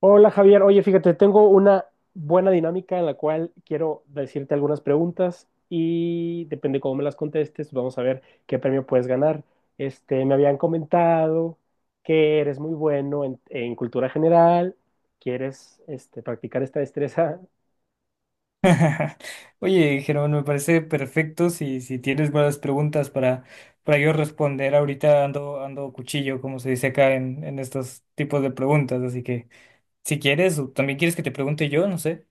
Hola Javier, oye, fíjate, tengo una buena dinámica en la cual quiero decirte algunas preguntas y depende cómo me las contestes, vamos a ver qué premio puedes ganar. Me habían comentado que eres muy bueno en cultura general, quieres practicar esta destreza. Oye, Germán, me parece perfecto si tienes buenas preguntas para yo responder. Ahorita ando cuchillo, como se dice acá en estos tipos de preguntas. Así que si quieres, o también quieres que te pregunte yo, no sé.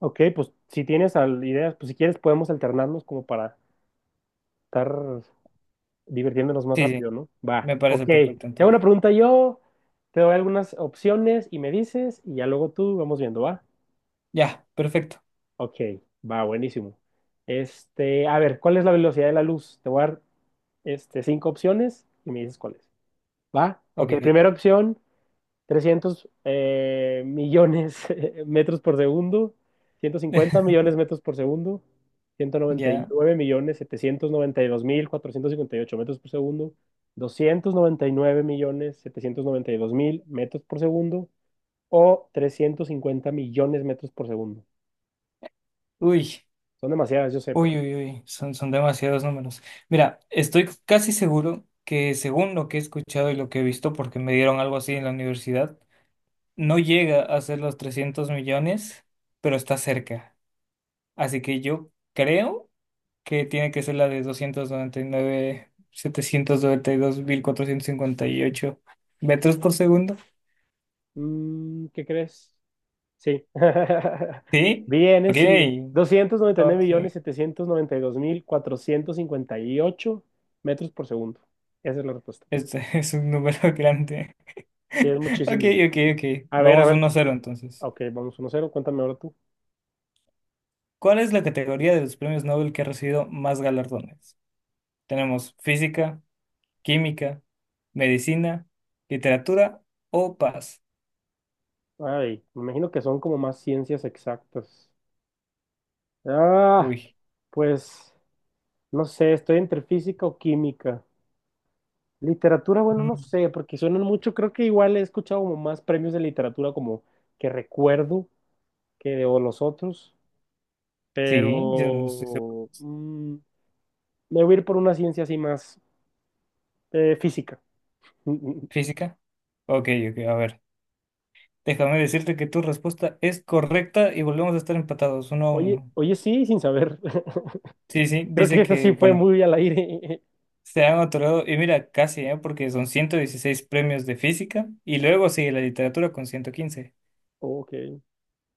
Ok, pues si tienes ideas, pues si quieres podemos alternarnos como para estar divirtiéndonos más Sí, sí, rápido, ¿no? Va, me ok. parece Te perfecto hago entonces. una pregunta yo, te doy algunas opciones y me dices, y ya luego tú vamos viendo, ¿va? Ya, perfecto. Ok, va, buenísimo. A ver, ¿cuál es la velocidad de la luz? Te voy a dar cinco opciones y me dices cuál es. ¿Va? Ok, Ok. primera opción, 300 millones metros por segundo, 150 millones metros por segundo, ciento noventa y Ya. nueve millones 792 mil 458 metros por segundo, 299 millones 792 mil metros por segundo o 350 millones metros por segundo. Uy, Son demasiadas, yo sé, pero uy, uy, uy. Son demasiados números. Mira, estoy casi seguro que según lo que he escuchado y lo que he visto, porque me dieron algo así en la universidad. No llega a ser los 300 millones, pero está cerca. Así que yo creo que tiene que ser la de doscientos noventa y nueve, setecientos noventa y dos mil cuatrocientos cincuenta y ocho metros por segundo. ¿Qué crees? Sí. ¿Sí? Ok, Vienes y 299 ok. millones 792 mil 458 metros por segundo. Esa es la respuesta. Es un número grande. Sí, es Ok, muchísimo. ok, ok. A ver, a Vamos ver. 1 cero entonces. Ok, vamos 1-0. Cuéntame ahora tú. ¿Cuál es la categoría de los premios Nobel que ha recibido más galardones? Tenemos física, química, medicina, literatura o paz. Ay, me imagino que son como más ciencias exactas. Ah, Uy, pues no sé, estoy entre física o química. Literatura, bueno, no mm, sé, porque suenan mucho. Creo que igual he escuchado como más premios de literatura como que recuerdo que de o los otros. sí, yo no estoy seguro. Pero me voy a ir por una ciencia así más física. Física. Ok, ok, a ver. Déjame decirte que tu respuesta es correcta y volvemos a estar empatados uno a Oye, uno. oye, sí, sin saber. Sí, sí, Creo que dice eso sí que, fue bueno, muy al aire. se han otorgado, y mira, casi, ¿eh? Porque son 116 premios de física y luego sigue la literatura con 115. Ok.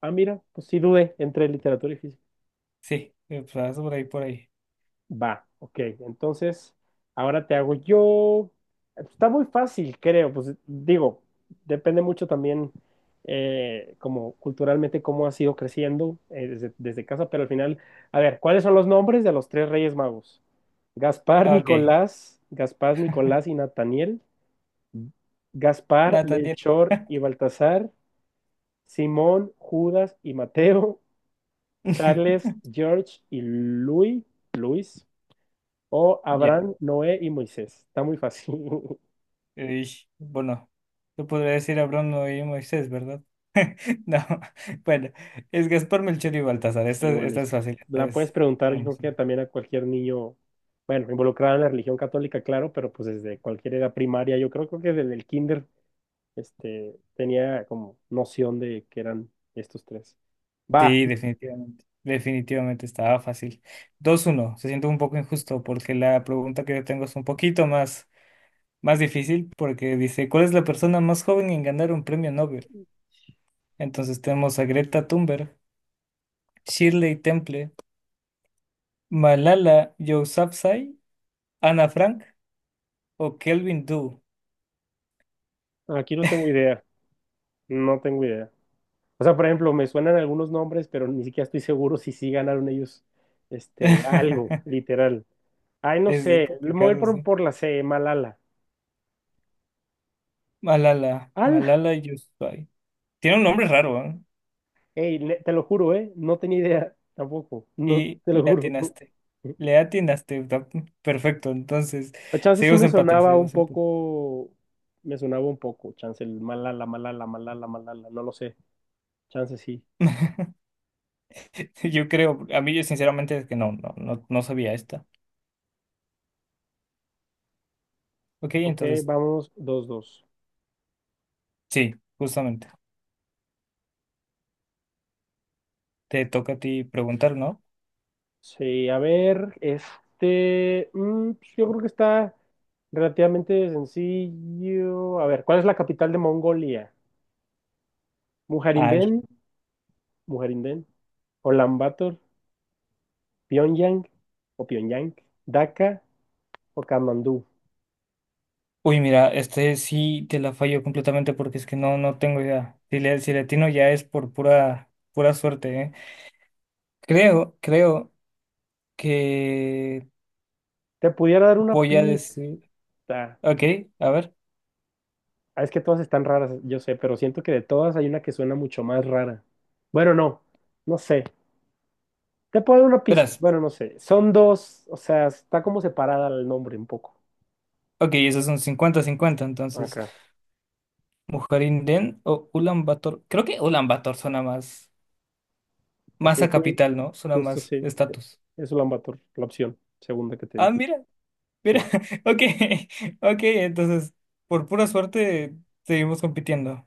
Ah, mira, pues sí dudé entre literatura y física. Sí, pues, por ahí, por ahí. Va, ok. Entonces, ahora te hago yo. Está muy fácil, creo. Pues digo, depende mucho también, como culturalmente, cómo has ido creciendo desde casa, pero al final, a ver, ¿cuáles son los nombres de los tres reyes magos? Gaspar, Ah, ok, Nicolás, Gaspar, Nicolás y Nataniel, Gaspar, Nathaniel. Melchor y Baltasar, Simón, Judas y Mateo, Charles, George y Luis, Luis, o Ya. Abraham, Noé y Moisés. Está muy fácil. Ey, bueno, yo podría decir Abraham, Noé y Moisés, ¿verdad? No, bueno, es Gaspar, Melchor y Baltasar. Esta, Yo, bueno, esta es fácil. Esta la puedes es preguntar, yo común, creo sí. que también a cualquier niño, bueno, involucrado en la religión católica, claro, pero pues desde cualquier edad primaria, yo creo que desde el kinder, tenía como noción de que eran estos tres. Va. Sí, definitivamente. Definitivamente estaba fácil. Dos uno. Se siente un poco injusto porque la pregunta que yo tengo es un poquito más, más difícil porque dice, ¿cuál es la persona más joven en ganar un premio Nobel? Entonces tenemos a Greta Thunberg, Shirley Temple, Malala Yousafzai, Ana Frank o Kelvin Doo. Aquí no tengo idea, no tengo idea. O sea, por ejemplo, me suenan algunos nombres, pero ni siquiera estoy seguro si sí ganaron ellos algo, literal. Ay, no Es sé, me voy a ir complicado, por, sí. por la C, Malala. Malala, ¡Al! Malala Yousafzai. Tiene un nombre raro, ¿eh? Ey, te lo juro, ¿eh? No tenía idea tampoco, no, Y te lo le juro. atinaste. Le atinaste, está perfecto. Entonces, A chance sí seguimos me empate, sonaba un seguimos empate. poco, me sonaba un poco, chance el Malala, Malala, Malala, Malala, no lo sé, chance sí. Yo creo, a mí yo sinceramente es que no, no, no, no sabía esta. Ok, Ok, entonces, vamos, 2-2. sí, justamente. Te toca a ti preguntar, ¿no? Sí, a ver, pues, yo creo que está relativamente sencillo. A ver, ¿cuál es la capital de Mongolia? Ay. Mujerinden, Mujerinden, Ulaanbaatar, Pyongyang o Pyongyang, Dhaka o Katmandú. Uy, mira, este sí te la fallo completamente porque es que no, no tengo idea. Si le, si le atino ya es por pura, pura suerte, ¿eh? Creo, creo que Te pudiera dar una voy a pista. decir. Ok, a ver. Ah, es que todas están raras, yo sé, pero siento que de todas hay una que suena mucho más rara. Bueno, no, no sé. Te puedo dar una pista. Verás. Bueno, no sé. Son dos, o sea, está como separada el nombre un poco. Ok, esos son cincuenta cincuenta. Entonces, Ok. Mujerinden o Ulan Bator. Creo que Ulan Bator suena más. Ok, Más a sí, capital, ¿no? Suena justo más sí. Sí. estatus. Es Ulaanbaatar, la opción segunda que te Ah, di. mira, mira. Sí. Ok, ok. Entonces, por pura suerte, seguimos compitiendo.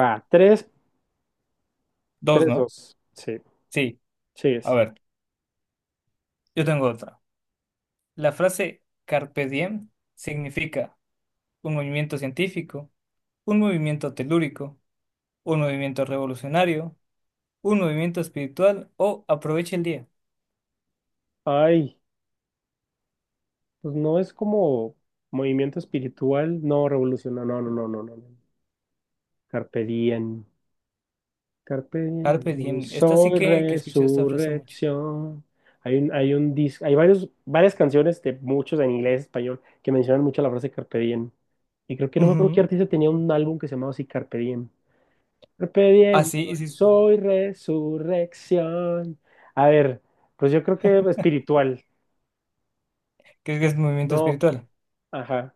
Va, 3 Dos, 3 ¿no? dos. Sí, Sí. sí A es. ver, yo tengo otra. La frase Carpe diem significa un movimiento científico, un movimiento telúrico, un movimiento revolucionario un movimiento espiritual o aprovecha el día. Ay, pues no es como movimiento espiritual, no, revolucionario, no, no, no, no, no. No. Carpe diem, carpe diem, Carpe hoy diem. Esta sí soy que escuché esta frase mucho. resurrección. Hay un disco, hay varios, varias canciones de muchos en inglés, español, que mencionan mucho la frase carpe diem. Y creo que no me acuerdo qué Ujú. artista tenía un álbum que se llamaba así Carpe Diem. Carpe diem, Así, y hoy sí, sí. soy resurrección. A ver, pues yo creo que espiritual. ¿Crees que es movimiento No, espiritual? ajá.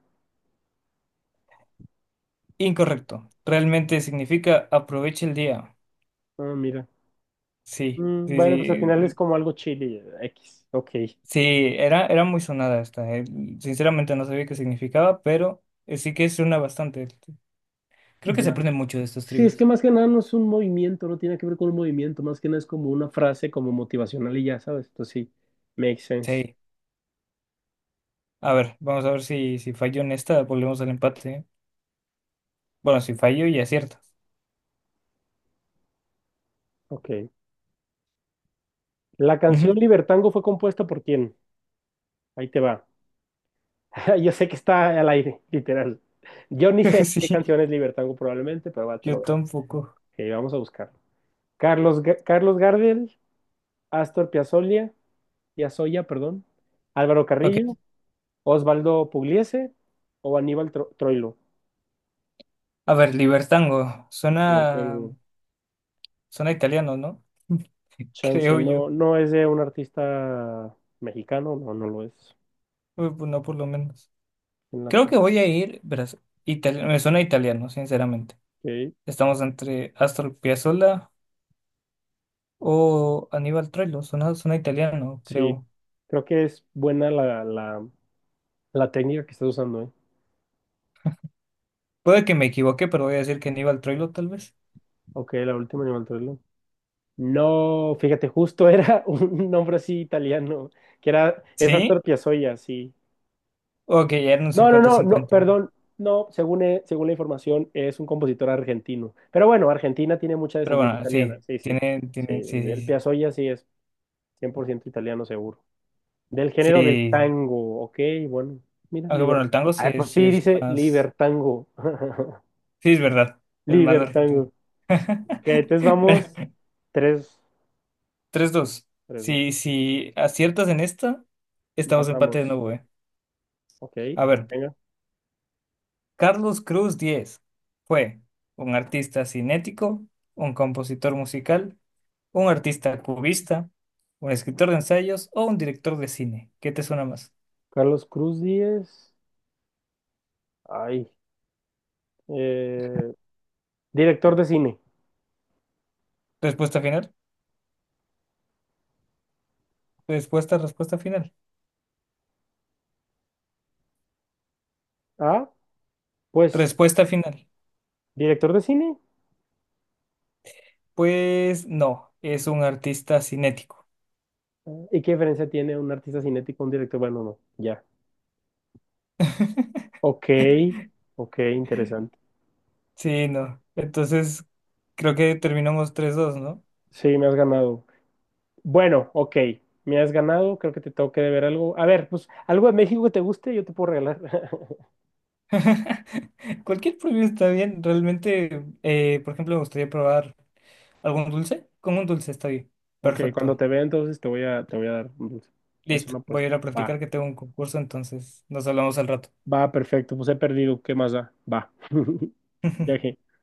Incorrecto. Realmente significa aprovecha el día. Ah, mira. Sí, Mm, sí, bueno, pues al final es sí. como algo chile. X, ok. Sí, era muy sonada esta. Sinceramente no sabía qué significaba, pero sí que es una bastante. Creo que se Ya. aprende mucho de estos Sí, es que trivias. más que nada no es un movimiento, no tiene que ver con un movimiento, más que nada es como una frase como motivacional y ya sabes, entonces sí, makes sense. Sí. A ver, vamos a ver si fallo en esta, volvemos al empate. ¿Eh? Bueno, si fallo y acierto. Ok. ¿La canción Ujú. Libertango fue compuesta por quién? Ahí te va. Yo sé que está al aire, literal. Yo ni sé qué Sí, canción es Libertango probablemente, pero va, yo tampoco. ok, vamos a buscarlo. Carlos Gardel, Astor Piazzolla, Piazzolla, perdón, Álvaro Ok. Carrillo, Osvaldo Pugliese o Aníbal Troilo. A ver, Libertango. Yo ahora tengo Suena italiano, ¿no? chance. Creo yo. No, no es de un artista mexicano, no, no lo es. Uy, pues no, por lo menos. En Creo ok, que voy a ir, verás, itali- me suena italiano, sinceramente. Estamos entre Astor Piazzolla o Aníbal Troilo. Suena italiano, sí, creo. creo que es buena la técnica que estás usando, ¿eh? Puede que me equivoque, pero voy a decir que Aníbal Troilo, tal vez. Ok, la última Aníbal Troilo. No, fíjate, justo era un nombre así italiano, que era, es ¿Sí? Astor Piazzolla, sí. Ok, ya eran un No, no, cincuenta. no, no, 50. perdón, no, según la información es un compositor argentino. Pero bueno, Argentina tiene mucha Pero descendencia bueno, italiana, sí, sí, sí, tienen, sí, tienen, sí, sí, el sí. Piazzolla sí es 100% italiano seguro. Del género del Sí, tango, ok, bueno, mira, aunque liber... bueno, el tango sí Ah, pues sí sí, es dice más. libertango, Sí, es verdad. Es más argentino. libertango. Ok, entonces Mira, vamos, tres, 3-2. tres, dos, Si, si aciertas en esta, estamos empate de empatamos, nuevo, eh. ok, A ver, venga. Carlos Cruz 10 fue un artista cinético, un compositor musical, un artista cubista, un escritor de ensayos o un director de cine. ¿Qué te suena más? Carlos Cruz Díez, ay, eh, director de cine, Respuesta final. Respuesta, respuesta final. ah, pues... Respuesta final. ¿Director de cine? Pues no, es un artista cinético. ¿Y qué diferencia tiene un artista cinético con un director? Bueno, no, ya. Ok, ok, interesante. Sí, no. Entonces, creo que terminamos tres dos, ¿no? Sí, me has ganado. Bueno, ok, me has ganado. Creo que te tengo que deber algo. A ver, pues algo de México que te guste, yo te puedo regalar. Cualquier premio está bien. Realmente, por ejemplo, me gustaría probar algún dulce. Con un dulce está bien. Ok, cuando Perfecto. te vea, entonces te voy a dar un dulce. Es Listo. una Voy a apuesta. ir a Va, practicar que tengo un concurso, entonces nos hablamos al rato. va, perfecto. Pues he perdido. ¿Qué más da? Va. Ya